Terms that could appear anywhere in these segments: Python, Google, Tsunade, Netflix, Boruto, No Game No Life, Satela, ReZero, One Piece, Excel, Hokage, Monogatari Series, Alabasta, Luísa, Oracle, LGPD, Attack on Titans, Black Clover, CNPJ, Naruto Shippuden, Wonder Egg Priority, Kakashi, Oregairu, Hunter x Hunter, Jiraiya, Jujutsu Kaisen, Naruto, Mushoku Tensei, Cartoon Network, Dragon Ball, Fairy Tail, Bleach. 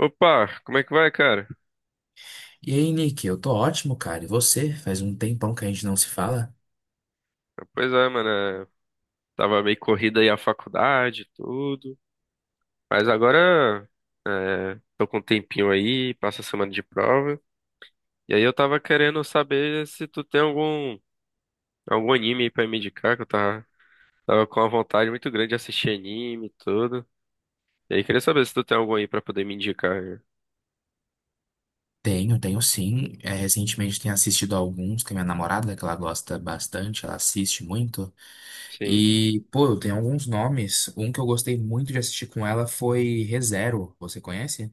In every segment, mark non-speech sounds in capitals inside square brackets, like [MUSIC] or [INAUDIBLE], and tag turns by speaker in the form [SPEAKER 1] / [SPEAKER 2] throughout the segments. [SPEAKER 1] Opa, como é que vai, cara?
[SPEAKER 2] E aí, Nick, eu tô ótimo, cara. E você? Faz um tempão que a gente não se fala?
[SPEAKER 1] Pois é, mano, é, tava meio corrida aí a faculdade, e tudo, mas agora tô com um tempinho aí, passa a semana de prova, e aí eu tava querendo saber se tu tem algum anime aí pra me indicar, que eu tava com uma vontade muito grande de assistir anime e tudo, e aí queria saber se tu tem algum aí pra poder me indicar, né?
[SPEAKER 2] Tenho, tenho sim. É, recentemente tenho assistido alguns que a minha namorada, que ela gosta bastante, ela assiste muito.
[SPEAKER 1] Sim?
[SPEAKER 2] E, pô, eu tenho alguns nomes. Um que eu gostei muito de assistir com ela foi ReZero. Você conhece?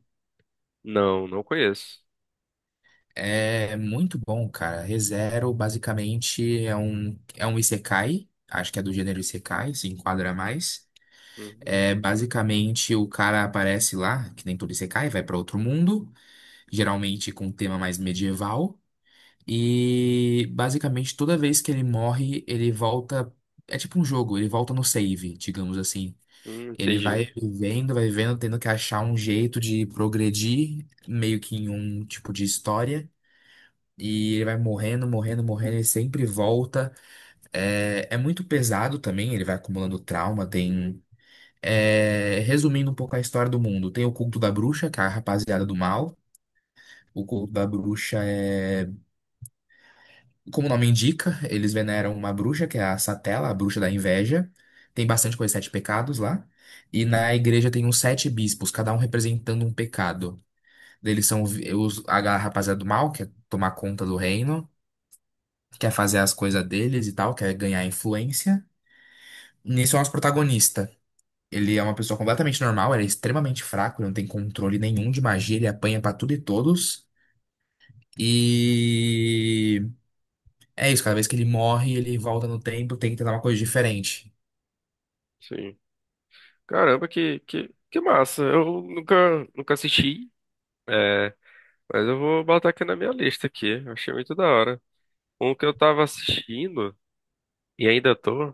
[SPEAKER 1] Não, não conheço.
[SPEAKER 2] É muito bom, cara. ReZero basicamente é um isekai. Acho que é do gênero isekai, se enquadra mais.
[SPEAKER 1] Uhum.
[SPEAKER 2] É, basicamente, o cara aparece lá, que nem todo isekai, vai pra outro mundo, geralmente com um tema mais medieval. E basicamente toda vez que ele morre, ele volta. É tipo um jogo, ele volta no save, digamos assim. Ele
[SPEAKER 1] Entendi.
[SPEAKER 2] vai vivendo, tendo que achar um jeito de progredir, meio que em um tipo de história. E ele vai morrendo, morrendo, morrendo, ele sempre volta. É muito pesado também, ele vai acumulando trauma, tem. É, resumindo um pouco a história do mundo, tem o culto da bruxa, que é a rapaziada do mal. O culto da bruxa. Como o nome indica, eles veneram uma bruxa, que é a Satela, a bruxa da inveja. Tem bastante coisa, sete pecados lá. E na igreja tem uns sete bispos, cada um representando um pecado. Eles são os, a rapaziada do mal, que é tomar conta do reino, quer fazer as coisas deles e tal, quer ganhar influência. Nisso é o nosso protagonista. Ele é uma pessoa completamente normal, ele é extremamente fraco, ele não tem controle nenhum de magia, ele apanha pra tudo e todos. E. É isso, cada vez que ele morre, ele volta no tempo, tem que tentar uma coisa diferente.
[SPEAKER 1] Sim. Caramba, que massa. Eu nunca assisti. é, Mas eu vou botar aqui na minha lista aqui. Eu achei muito da hora. Um que eu tava assistindo e ainda tô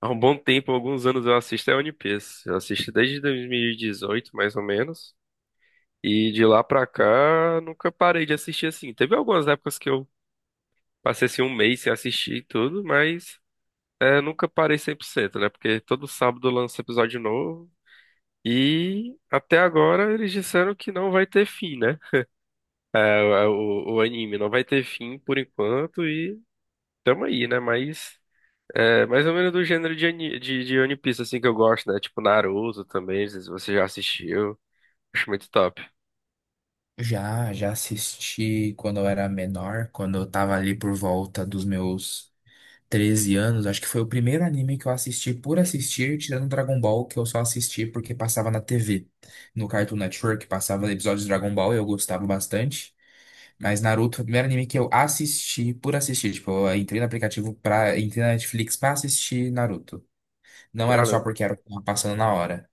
[SPEAKER 1] há um bom tempo, alguns anos. Eu assisto é One Piece. Eu assisto desde 2018, mais ou menos. E de lá pra cá, nunca parei de assistir assim. Teve algumas épocas que eu passei assim um mês sem assistir e tudo, mas nunca parei 100%, né? Porque todo sábado lança episódio novo. E até agora eles disseram que não vai ter fim, né? O anime não vai ter fim por enquanto e tamo aí, né? Mas é mais ou menos do gênero de One Piece, assim, que eu gosto, né? Tipo Naruto também, não sei se você já assistiu. Acho muito top.
[SPEAKER 2] Já assisti quando eu era menor, quando eu tava ali por volta dos meus 13 anos. Acho que foi o primeiro anime que eu assisti por assistir, tirando Dragon Ball, que eu só assisti porque passava na TV. No Cartoon Network passava episódios de Dragon Ball e eu gostava bastante. Mas Naruto foi o primeiro anime que eu assisti por assistir. Tipo, eu entrei na Netflix pra assistir Naruto. Não era só
[SPEAKER 1] Caramba.
[SPEAKER 2] porque era o que tava passando na hora.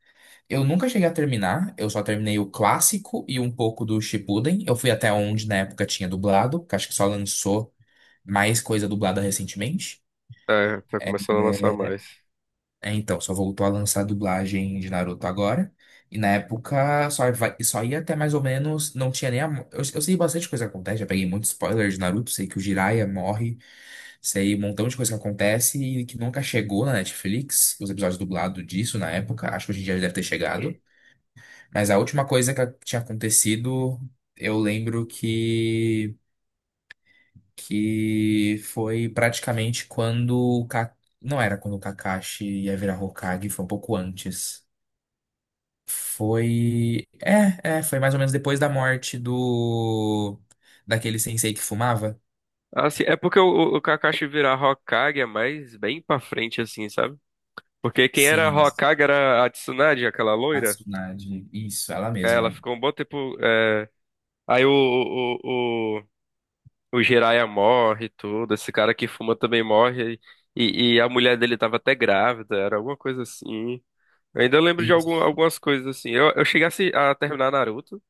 [SPEAKER 2] Eu nunca cheguei a terminar, eu só terminei o clássico e um pouco do Shippuden. Eu fui até onde na época tinha dublado, que acho que só lançou mais coisa dublada recentemente.
[SPEAKER 1] É, tá começando a lançar mais.
[SPEAKER 2] É, então, só voltou a lançar a dublagem de Naruto agora. E na época só, só ia até mais ou menos, não tinha nem Eu sei bastante coisa que acontece, já peguei muito spoiler de Naruto, sei que o Jiraiya morre, sei um montão de coisa que acontece e que nunca chegou na Netflix, os episódios dublados disso na época, acho que hoje em dia já deve ter chegado. Mas a última coisa que tinha acontecido, eu lembro que foi praticamente quando o Não era quando o Kakashi ia virar Hokage, foi um pouco antes. Foi. Foi mais ou menos depois da morte do. Daquele sensei que fumava.
[SPEAKER 1] Assim, é porque o Kakashi virar Hokage é mais bem pra frente, assim, sabe? Porque quem era
[SPEAKER 2] Sim,
[SPEAKER 1] Hokage era a Tsunade, aquela
[SPEAKER 2] a
[SPEAKER 1] loira.
[SPEAKER 2] Tsunade. Isso, ela
[SPEAKER 1] É, ela
[SPEAKER 2] mesma.
[SPEAKER 1] ficou um bom tempo. Aí o Jiraiya morre e tudo. Esse cara que fuma também morre. E a mulher dele tava até grávida, era alguma coisa assim. Eu ainda lembro de
[SPEAKER 2] E
[SPEAKER 1] algumas coisas assim. Eu cheguei a terminar Naruto,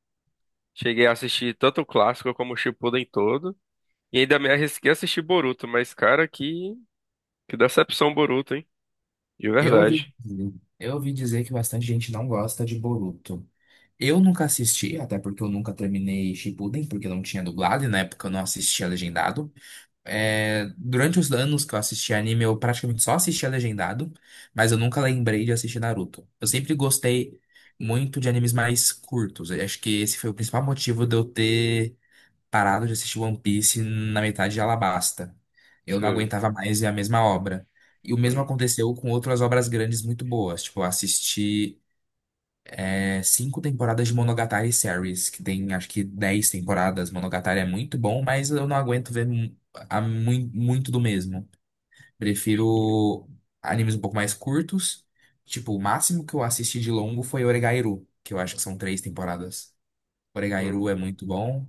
[SPEAKER 1] cheguei a assistir tanto o clássico como o Shippuden todo, e ainda me arrisquei a assistir Boruto, mas cara, que decepção Boruto, hein? De
[SPEAKER 2] eu ouvi,
[SPEAKER 1] verdade.
[SPEAKER 2] eu ouvi dizer que bastante gente não gosta de Boruto. Eu nunca assisti, até porque eu nunca terminei Shippuden, porque não tinha dublado e na época eu não assistia legendado. É, durante os anos que eu assisti anime, eu praticamente só assistia legendado, mas eu nunca lembrei de assistir Naruto. Eu sempre gostei muito de animes mais curtos. Eu acho que esse foi o principal motivo de eu ter parado de assistir One Piece na metade de Alabasta. Eu não
[SPEAKER 1] Sim.
[SPEAKER 2] aguentava mais ver a mesma obra. E o mesmo aconteceu com outras obras grandes muito boas. Tipo, eu assisti cinco temporadas de Monogatari Series, que tem acho que 10 temporadas. Monogatari é muito bom, mas eu não aguento ver muito do mesmo. Prefiro animes um pouco mais curtos. Tipo, o máximo que eu assisti de longo foi Oregairu, que eu acho que são três temporadas. Oregairu é
[SPEAKER 1] Hum,
[SPEAKER 2] muito bom,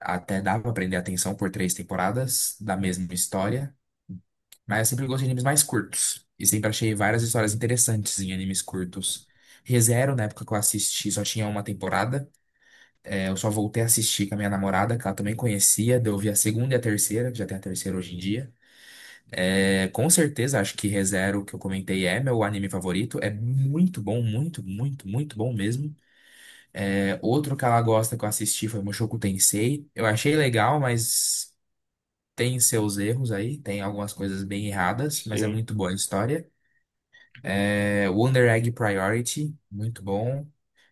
[SPEAKER 2] até dá pra prender atenção por três temporadas da mesma história. Mas eu sempre gostei de animes mais curtos. E sempre achei várias histórias interessantes em animes curtos. ReZero, na época que eu assisti, só tinha uma temporada. Eu só voltei a assistir com a minha namorada, que ela também conhecia. Daí eu vi a segunda e a terceira, que já tem a terceira hoje em dia. É, com certeza, acho que ReZero, que eu comentei, é meu anime favorito. É muito bom, muito, muito, muito bom mesmo. É, outro que ela gosta que eu assisti foi Mushoku Tensei. Eu achei legal, mas tem seus erros aí. Tem algumas coisas bem erradas, mas é
[SPEAKER 1] sim,
[SPEAKER 2] muito boa a história. É, Wonder Egg Priority, muito bom.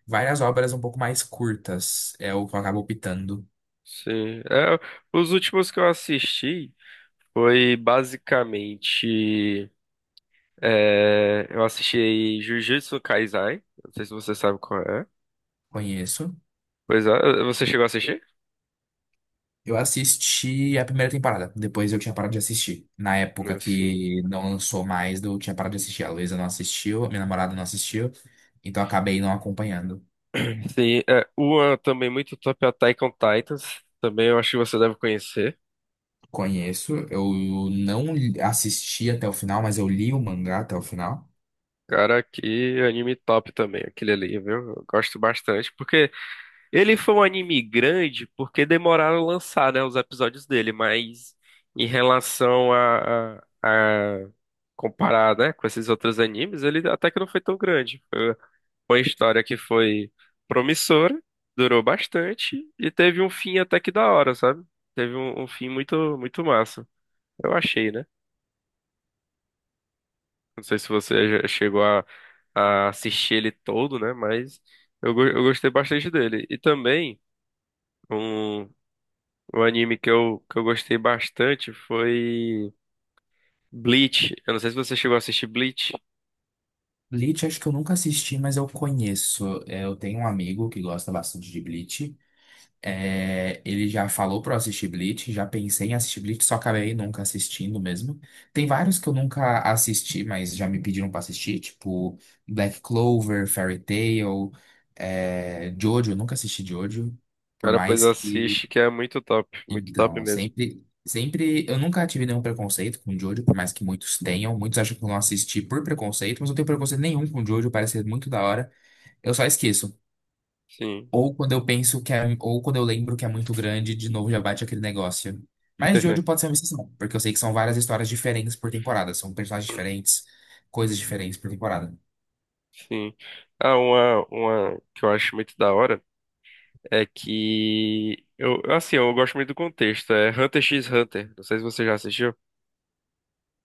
[SPEAKER 2] Várias obras um pouco mais curtas, é o que eu acabo optando.
[SPEAKER 1] sim. É, os últimos que eu assisti foi basicamente. Eu assisti Jujutsu Kaisen. Não sei se você sabe qual é.
[SPEAKER 2] Conheço.
[SPEAKER 1] Pois é, você chegou a assistir?
[SPEAKER 2] Eu assisti a primeira temporada, depois eu tinha parado de assistir. Na época
[SPEAKER 1] Não, sim.
[SPEAKER 2] que não lançou mais, eu tinha parado de assistir. A Luísa não assistiu, a minha namorada não assistiu, então eu acabei não acompanhando.
[SPEAKER 1] Sim, é, uma também muito top é Attack on Titans. Também eu acho que você deve conhecer.
[SPEAKER 2] Conheço, eu não assisti até o final, mas eu li o mangá até o final.
[SPEAKER 1] Cara, que anime top também, aquele ali, viu? Eu gosto bastante, porque ele foi um anime grande porque demoraram a lançar, né, os episódios dele, mas em relação a comparar, né, com esses outros animes, ele até que não foi tão grande. Foi uma história que foi promissora, durou bastante e teve um fim até que da hora, sabe? Teve um fim muito, muito massa. Eu achei, né? Não sei se você já chegou a assistir ele todo, né? Mas eu gostei bastante dele. E também um, um anime que eu gostei bastante foi Bleach. Eu não sei se você chegou a assistir Bleach.
[SPEAKER 2] Bleach, acho que eu nunca assisti, mas eu conheço. É, eu tenho um amigo que gosta bastante de Bleach. É, ele já falou pra eu assistir Bleach, já pensei em assistir Bleach, só acabei nunca assistindo mesmo. Tem vários que eu nunca assisti, mas já me pediram pra assistir, tipo Black Clover, Fairy Tail, é, Jojo, eu nunca assisti Jojo, por
[SPEAKER 1] Cara, pois
[SPEAKER 2] mais que.
[SPEAKER 1] assiste, que é muito top. Muito top
[SPEAKER 2] Então,
[SPEAKER 1] mesmo.
[SPEAKER 2] sempre, sempre. Eu nunca tive nenhum preconceito com Jojo, por mais que muitos tenham. Muitos acham que eu não assisti por preconceito, mas eu não tenho preconceito nenhum com Jojo, parece ser muito da hora. Eu só esqueço.
[SPEAKER 1] Sim.
[SPEAKER 2] Ou quando eu penso que é, ou quando eu lembro que é muito grande, de novo já bate aquele negócio. Mas Jojo pode
[SPEAKER 1] [LAUGHS]
[SPEAKER 2] ser uma exceção, porque eu sei que são várias histórias diferentes por temporada, são personagens diferentes, coisas diferentes por temporada.
[SPEAKER 1] Sim. Ah, uma que eu acho muito da hora é que eu, assim, eu gosto muito do contexto. É Hunter x Hunter. Não sei se você já assistiu.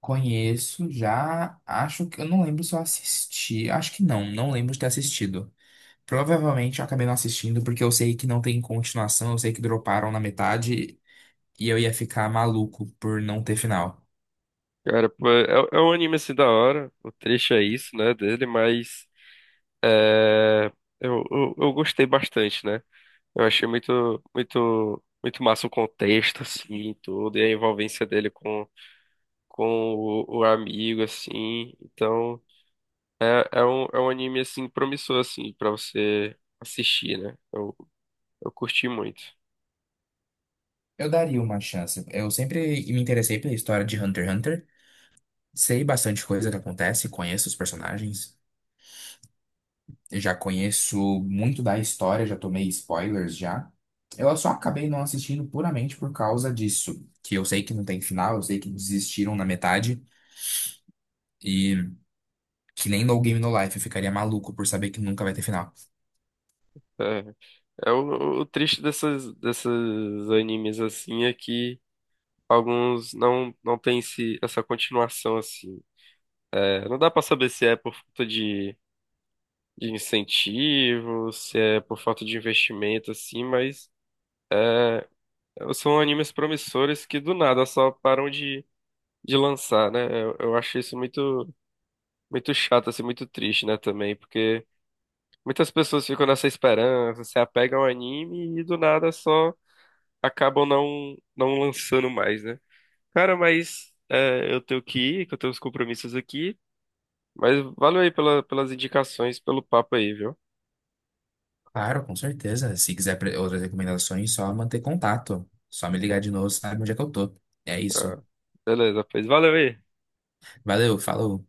[SPEAKER 2] Conheço já, acho que eu não lembro se eu assisti, acho que não, não lembro de ter assistido. Provavelmente eu acabei não assistindo porque eu sei que não tem continuação, eu sei que droparam na metade e eu ia ficar maluco por não ter final.
[SPEAKER 1] Cara, pô, é um anime assim da hora. O trecho é isso, né, dele, mas é, eu gostei bastante, né? Eu achei muito, muito, muito massa o contexto, assim, e tudo, e a envolvência dele com o amigo, assim. Então, é um anime, assim, promissor, assim, pra você assistir, né? Eu curti muito.
[SPEAKER 2] Eu daria uma chance. Eu sempre me interessei pela história de Hunter x Hunter. Sei bastante coisa que acontece, conheço os personagens, já conheço muito da história, já tomei spoilers já. Eu só acabei não assistindo puramente por causa disso, que eu sei que não tem final, eu sei que desistiram na metade e que nem No Game No Life eu ficaria maluco por saber que nunca vai ter final.
[SPEAKER 1] É, é o triste dessas animes, assim, é que alguns não têm essa continuação assim. É, não dá pra saber se é por falta de incentivo, se é por falta de investimento assim, mas são animes promissores que do nada só param de lançar, né? Eu acho isso muito muito chato assim, muito triste, né, também, porque muitas pessoas ficam nessa esperança, se apegam ao anime e do nada só acabam não lançando mais, né? Cara, mas eu tenho que ir, que eu tenho os compromissos aqui. Mas valeu aí pelas indicações, pelo papo aí, viu?
[SPEAKER 2] Claro, com certeza. Se quiser outras recomendações, só manter contato, só me ligar de novo, sabe onde é que eu tô. É isso.
[SPEAKER 1] Beleza, pois valeu aí.
[SPEAKER 2] Valeu, falou.